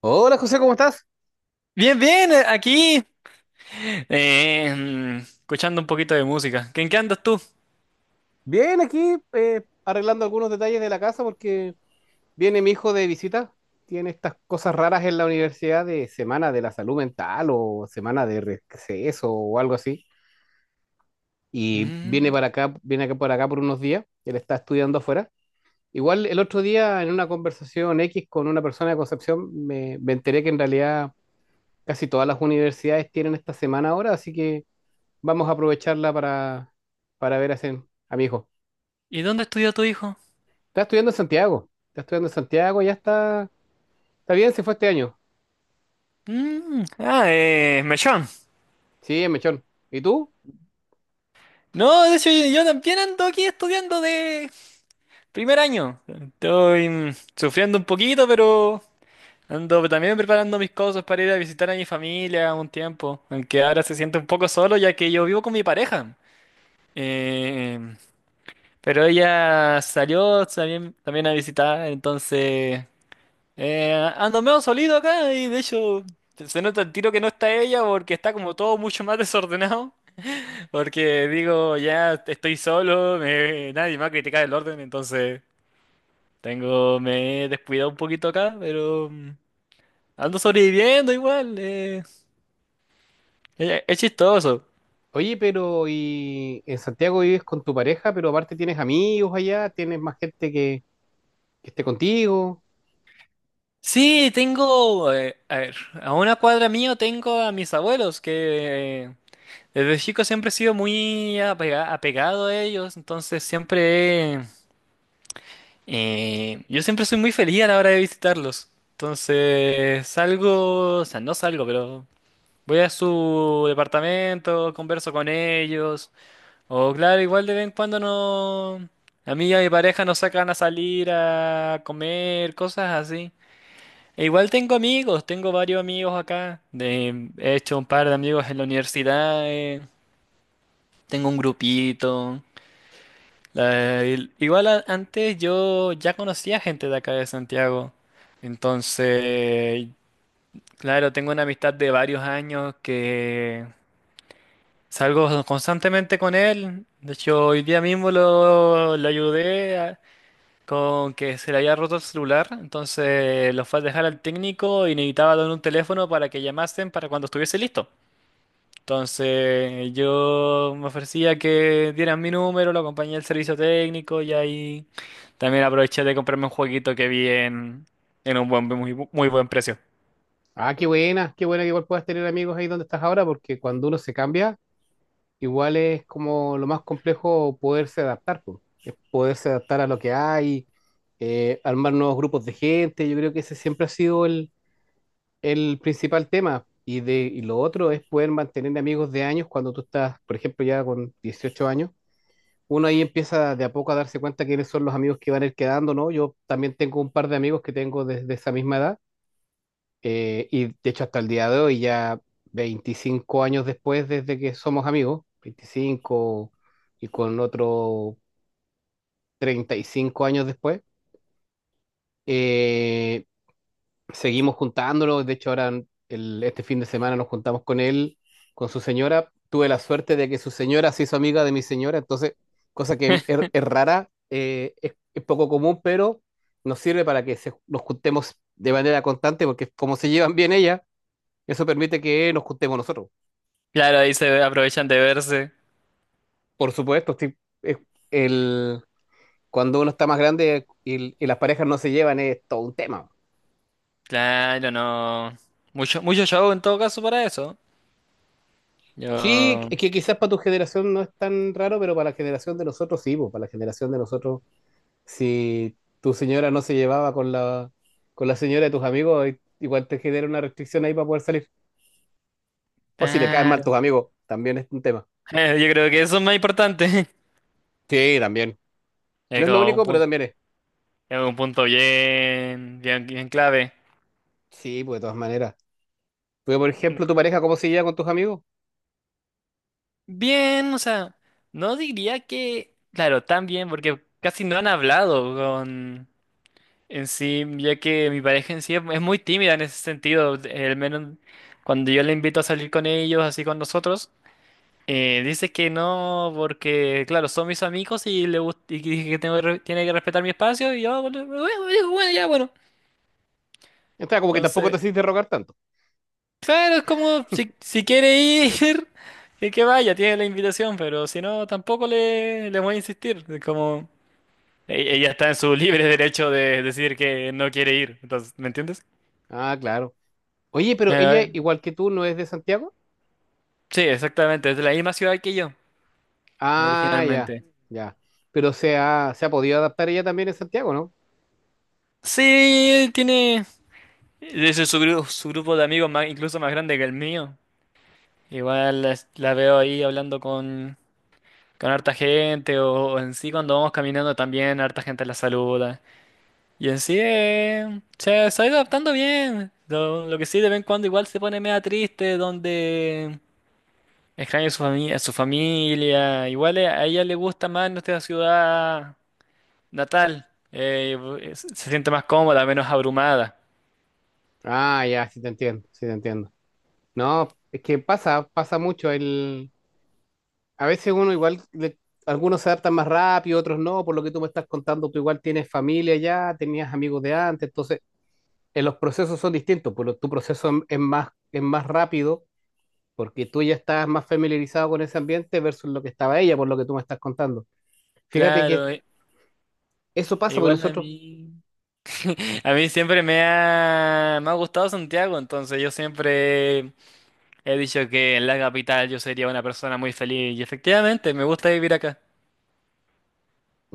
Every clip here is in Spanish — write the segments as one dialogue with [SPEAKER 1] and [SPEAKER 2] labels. [SPEAKER 1] Hola José, ¿cómo estás?
[SPEAKER 2] Bien, bien, aquí. Escuchando un poquito de música. ¿En qué andas tú?
[SPEAKER 1] Bien, aquí arreglando algunos detalles de la casa porque viene mi hijo de visita. Tiene estas cosas raras en la universidad de semana de la salud mental o semana de receso o algo así. Y viene
[SPEAKER 2] Mm,
[SPEAKER 1] para acá, viene acá por acá por unos días. Él está estudiando afuera. Igual el otro día en una conversación X con una persona de Concepción me enteré que en realidad casi todas las universidades tienen esta semana ahora, así que vamos a aprovecharla para ver a mi hijo.
[SPEAKER 2] ¿Y dónde estudió tu hijo?
[SPEAKER 1] Está estudiando en Santiago. Está estudiando en Santiago, ya está. Está bien, se fue este año.
[SPEAKER 2] Mechón.
[SPEAKER 1] Sí, en Mechón. ¿Y tú?
[SPEAKER 2] No, de hecho, yo también ando aquí estudiando de primer año. Estoy sufriendo un poquito, pero ando también preparando mis cosas para ir a visitar a mi familia un tiempo. Aunque ahora se siente un poco solo, ya que yo vivo con mi pareja. Eh, pero ella salió también, también a visitar, entonces. Ando medio solido acá y de hecho se nota el tiro que no está ella porque está como todo mucho más desordenado. Porque digo, ya estoy solo, nadie me va a criticar el orden, entonces tengo, me he descuidado un poquito acá, pero ando sobreviviendo igual. Es chistoso.
[SPEAKER 1] Oye, pero y en Santiago vives con tu pareja, pero aparte tienes amigos allá, tienes más gente que esté contigo.
[SPEAKER 2] Sí, tengo, a ver, a una cuadra mío tengo a mis abuelos que. Desde chico siempre he sido apegado a ellos, entonces siempre. Yo siempre soy muy feliz a la hora de visitarlos. Entonces, salgo, o sea, no salgo, pero voy a su departamento, converso con ellos. O claro, igual de vez en cuando no... A mí y a mi pareja nos sacan a salir a comer, cosas así. E igual tengo amigos, tengo varios amigos acá. De, he hecho un par de amigos en la universidad. Tengo un grupito. Antes yo ya conocía gente de acá de Santiago. Entonces, claro, tengo una amistad de varios años que salgo constantemente con él. De hecho, hoy día mismo lo ayudé con que se le había roto el celular. Entonces, lo fue a dejar al técnico y necesitaba dar un teléfono para que llamasen para cuando estuviese listo. Entonces yo me ofrecía que dieran mi número, lo acompañé al servicio técnico y ahí también aproveché de comprarme un jueguito que vi en un buen, muy, muy buen precio.
[SPEAKER 1] Ah, qué buena que igual puedas tener amigos ahí donde estás ahora, porque cuando uno se cambia, igual es como lo más complejo poderse adaptar, po. Es poderse adaptar a lo que hay, armar nuevos grupos de gente. Yo creo que ese siempre ha sido el principal tema. Y lo otro es poder mantener amigos de años cuando tú estás, por ejemplo, ya con 18 años. Uno ahí empieza de a poco a darse cuenta quiénes son los amigos que van a ir quedando, ¿no? Yo también tengo un par de amigos que tengo desde esa misma edad. Y de hecho hasta el día de hoy, ya 25 años después desde que somos amigos, 25 y con otro 35 años después, eh, seguimos juntándolo. De hecho, ahora este fin de semana nos juntamos con él, con su señora. Tuve la suerte de que su señora se hizo amiga de mi señora, entonces, cosa que es rara, es poco común, pero nos sirve para que nos juntemos de manera constante, porque como se llevan bien ella, eso permite que nos juntemos nosotros.
[SPEAKER 2] Claro, ahí se aprovechan de verse.
[SPEAKER 1] Por supuesto, sí, es- el, cuando uno está más grande y las parejas no se llevan, es todo un tema.
[SPEAKER 2] Claro, no. Mucho, mucho show en todo caso para eso.
[SPEAKER 1] Sí,
[SPEAKER 2] Yo.
[SPEAKER 1] es que quizás para tu generación no es tan raro, pero para la generación de nosotros sí, pues, para la generación de nosotros, si tu señora no se llevaba con la, señora de tus amigos, igual te genera una restricción ahí para poder salir. O si le caen mal tus
[SPEAKER 2] Claro.
[SPEAKER 1] amigos, también es un tema.
[SPEAKER 2] Yo creo que eso es más importante.
[SPEAKER 1] Sí, también.
[SPEAKER 2] Es
[SPEAKER 1] No es lo
[SPEAKER 2] como un
[SPEAKER 1] único, pero
[SPEAKER 2] punto,
[SPEAKER 1] también es.
[SPEAKER 2] es un punto bien, bien, bien clave.
[SPEAKER 1] Sí, pues de todas maneras. Pero, por ejemplo, tu pareja, ¿cómo se lleva con tus amigos?
[SPEAKER 2] Bien, o sea, no diría que, claro, tan bien, porque casi no han hablado con en sí, ya que mi pareja en sí es muy tímida en ese sentido, al menos cuando yo le invito a salir con ellos, así con nosotros, dice que no, porque, claro, son mis amigos y le gusta, y que dije que tengo tiene que respetar mi espacio, y yo, "Ah, bueno, bueno, bueno, ya, bueno.
[SPEAKER 1] Está como que tampoco te
[SPEAKER 2] Entonces.
[SPEAKER 1] haces de rogar tanto.
[SPEAKER 2] Claro, es como si quiere ir, que vaya, tiene la invitación, pero si no, tampoco le voy a insistir. Es como ella está en su libre derecho de decir que no quiere ir. Entonces, ¿me entiendes?
[SPEAKER 1] Ah, claro. Oye, pero
[SPEAKER 2] Mira,
[SPEAKER 1] ella, igual que tú, ¿no es de Santiago?
[SPEAKER 2] sí, exactamente, es de la misma ciudad que yo,
[SPEAKER 1] Ah, ya,
[SPEAKER 2] originalmente.
[SPEAKER 1] ya. Pero se ha podido adaptar ella también en Santiago, ¿no?
[SPEAKER 2] Sí, tiene ese su grupo de amigos más, incluso más grande que el mío. Veo ahí hablando con harta gente o en sí cuando vamos caminando también harta gente la saluda. Y en sí, se está adaptando bien. Lo que sí, de vez en cuando igual se pone media triste, donde extraña a su familia, su familia. Igual a ella le gusta más nuestra ciudad natal. Se siente más cómoda, menos abrumada.
[SPEAKER 1] Ah, ya, sí te entiendo, sí te entiendo. No, es que pasa, pasa mucho. A veces uno igual, algunos se adaptan más rápido, otros no, por lo que tú me estás contando, tú igual tienes familia ya, tenías amigos de antes, entonces los procesos son distintos, pero tu proceso es más rápido porque tú ya estás más familiarizado con ese ambiente versus lo que estaba ella, por lo que tú me estás contando. Fíjate
[SPEAKER 2] Claro,
[SPEAKER 1] que eso
[SPEAKER 2] e
[SPEAKER 1] pasa porque
[SPEAKER 2] igual a
[SPEAKER 1] nosotros.
[SPEAKER 2] mí. A mí me ha gustado Santiago, entonces yo siempre he dicho que en la capital yo sería una persona muy feliz y efectivamente me gusta vivir acá.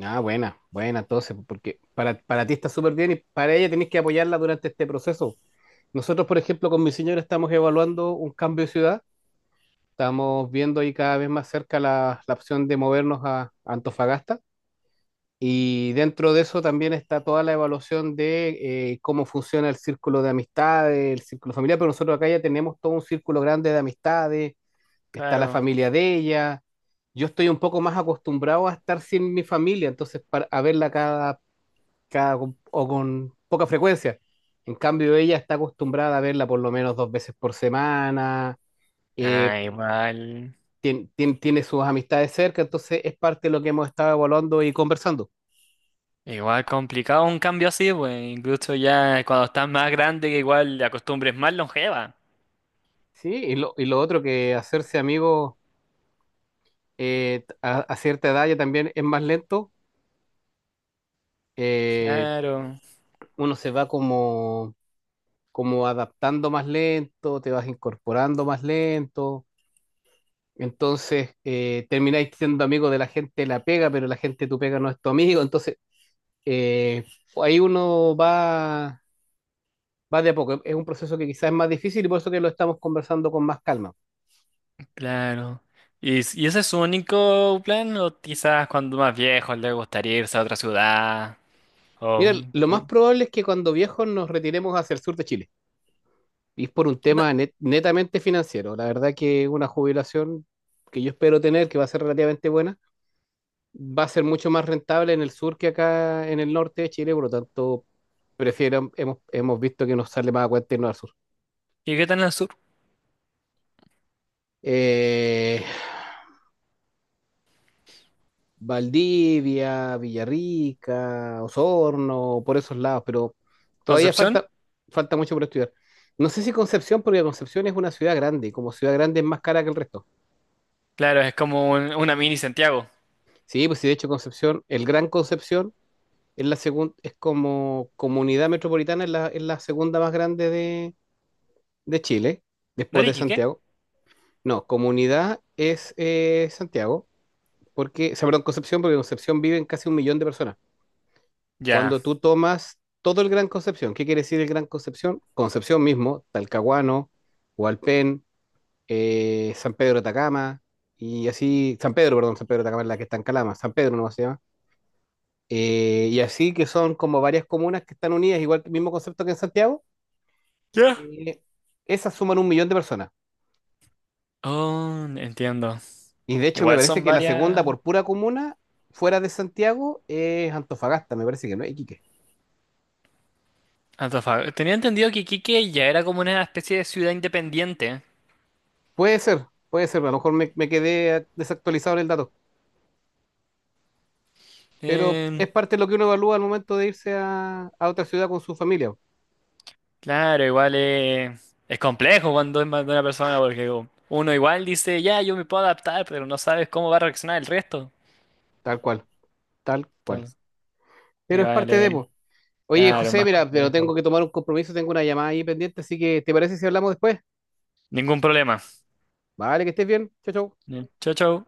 [SPEAKER 1] Ah, buena, buena, entonces, porque para, ti está súper bien y para ella tenés que apoyarla durante este proceso. Nosotros, por ejemplo, con mi señora estamos evaluando un cambio de ciudad, estamos viendo ahí cada vez más cerca la, opción de movernos a Antofagasta y dentro de eso también está toda la evaluación de cómo funciona el círculo de amistades, el círculo familiar, pero nosotros acá ya tenemos todo un círculo grande de amistades, está la
[SPEAKER 2] Claro.
[SPEAKER 1] familia de ella. Yo estoy un poco más acostumbrado a estar sin mi familia, entonces a verla cada o con poca frecuencia. En cambio, ella está acostumbrada a verla por lo menos dos veces por semana, eh,
[SPEAKER 2] Ah, igual.
[SPEAKER 1] tiene sus amistades cerca, entonces es parte de lo que hemos estado evaluando y conversando.
[SPEAKER 2] Igual complicado un cambio así, pues. Incluso ya cuando estás más grande, que igual la costumbre es más longeva.
[SPEAKER 1] Sí, y lo otro que hacerse amigo a cierta edad ya también es más lento, eh,
[SPEAKER 2] Claro,
[SPEAKER 1] uno se va como adaptando más lento, te vas incorporando más lento. Entonces, termináis siendo amigo de la gente de la pega, pero la gente de tu pega no es tu amigo. Entonces, eh, ahí uno va de a poco. Es un proceso que quizás es más difícil y por eso que lo estamos conversando con más calma.
[SPEAKER 2] claro. ¿Y, y ese es su único plan? ¿O quizás cuando más viejo le gustaría irse a otra ciudad? ¿O...
[SPEAKER 1] Mira, lo más probable es que cuando viejos nos retiremos hacia el sur de Chile. Y es por un
[SPEAKER 2] ¿Y
[SPEAKER 1] tema netamente financiero. La verdad que una jubilación que yo espero tener, que va a ser relativamente buena, va a ser mucho más rentable en el sur que acá en el norte de Chile. Por lo tanto, hemos visto que nos sale más a cuenta irnos al sur.
[SPEAKER 2] y qué tal en el sur?
[SPEAKER 1] eh, Valdivia, Villarrica, Osorno, por esos lados, pero todavía
[SPEAKER 2] ¿Concepción?
[SPEAKER 1] falta, mucho por estudiar. No sé si Concepción, porque Concepción es una ciudad grande, y como ciudad grande es más cara que el resto.
[SPEAKER 2] Claro, es como una mini Santiago.
[SPEAKER 1] Sí, pues sí, de hecho Concepción, el Gran Concepción es la segunda, es como comunidad metropolitana, es la, segunda más grande de Chile, después de
[SPEAKER 2] ¿Noriki, qué?
[SPEAKER 1] Santiago. No, comunidad es Santiago, porque, o sea, perdón, Concepción, porque en Concepción viven casi 1 millón de personas
[SPEAKER 2] Ya.
[SPEAKER 1] cuando tú tomas todo el Gran Concepción. ¿Qué quiere decir el Gran Concepción? Concepción mismo, Talcahuano, Hualpén, San Pedro de Atacama, y así, San Pedro, perdón, San Pedro de Atacama es la que está en Calama, San Pedro no se llama. Y así que son como varias comunas que están unidas, igual que el mismo concepto que en Santiago,
[SPEAKER 2] ¿Ya?
[SPEAKER 1] eh, esas suman 1 millón de personas.
[SPEAKER 2] Oh, entiendo.
[SPEAKER 1] Y de hecho me
[SPEAKER 2] Igual
[SPEAKER 1] parece
[SPEAKER 2] son
[SPEAKER 1] que la segunda
[SPEAKER 2] varias.
[SPEAKER 1] por pura comuna, fuera de Santiago, es Antofagasta, me parece que no es Iquique.
[SPEAKER 2] Antofagasta. Tenía entendido que Iquique ya era como una especie de ciudad independiente.
[SPEAKER 1] Puede ser, a lo mejor me quedé desactualizado en el dato. Pero
[SPEAKER 2] Em,
[SPEAKER 1] es parte de lo que uno evalúa al momento de irse a, otra ciudad con su familia,
[SPEAKER 2] claro, igual es complejo cuando es más de una persona porque como, uno igual dice, ya, yo me puedo adaptar, pero no sabes cómo va a reaccionar el resto.
[SPEAKER 1] tal cual, tal cual.
[SPEAKER 2] Entonces,
[SPEAKER 1] Pero es
[SPEAKER 2] igual,
[SPEAKER 1] parte de, po. Oye,
[SPEAKER 2] claro,
[SPEAKER 1] José,
[SPEAKER 2] más
[SPEAKER 1] mira, pero
[SPEAKER 2] complejo.
[SPEAKER 1] tengo que tomar un compromiso, tengo una llamada ahí pendiente, así que ¿te parece si hablamos después?
[SPEAKER 2] Ningún problema.
[SPEAKER 1] Vale, que estés bien. Chao, chao.
[SPEAKER 2] Chau, chau.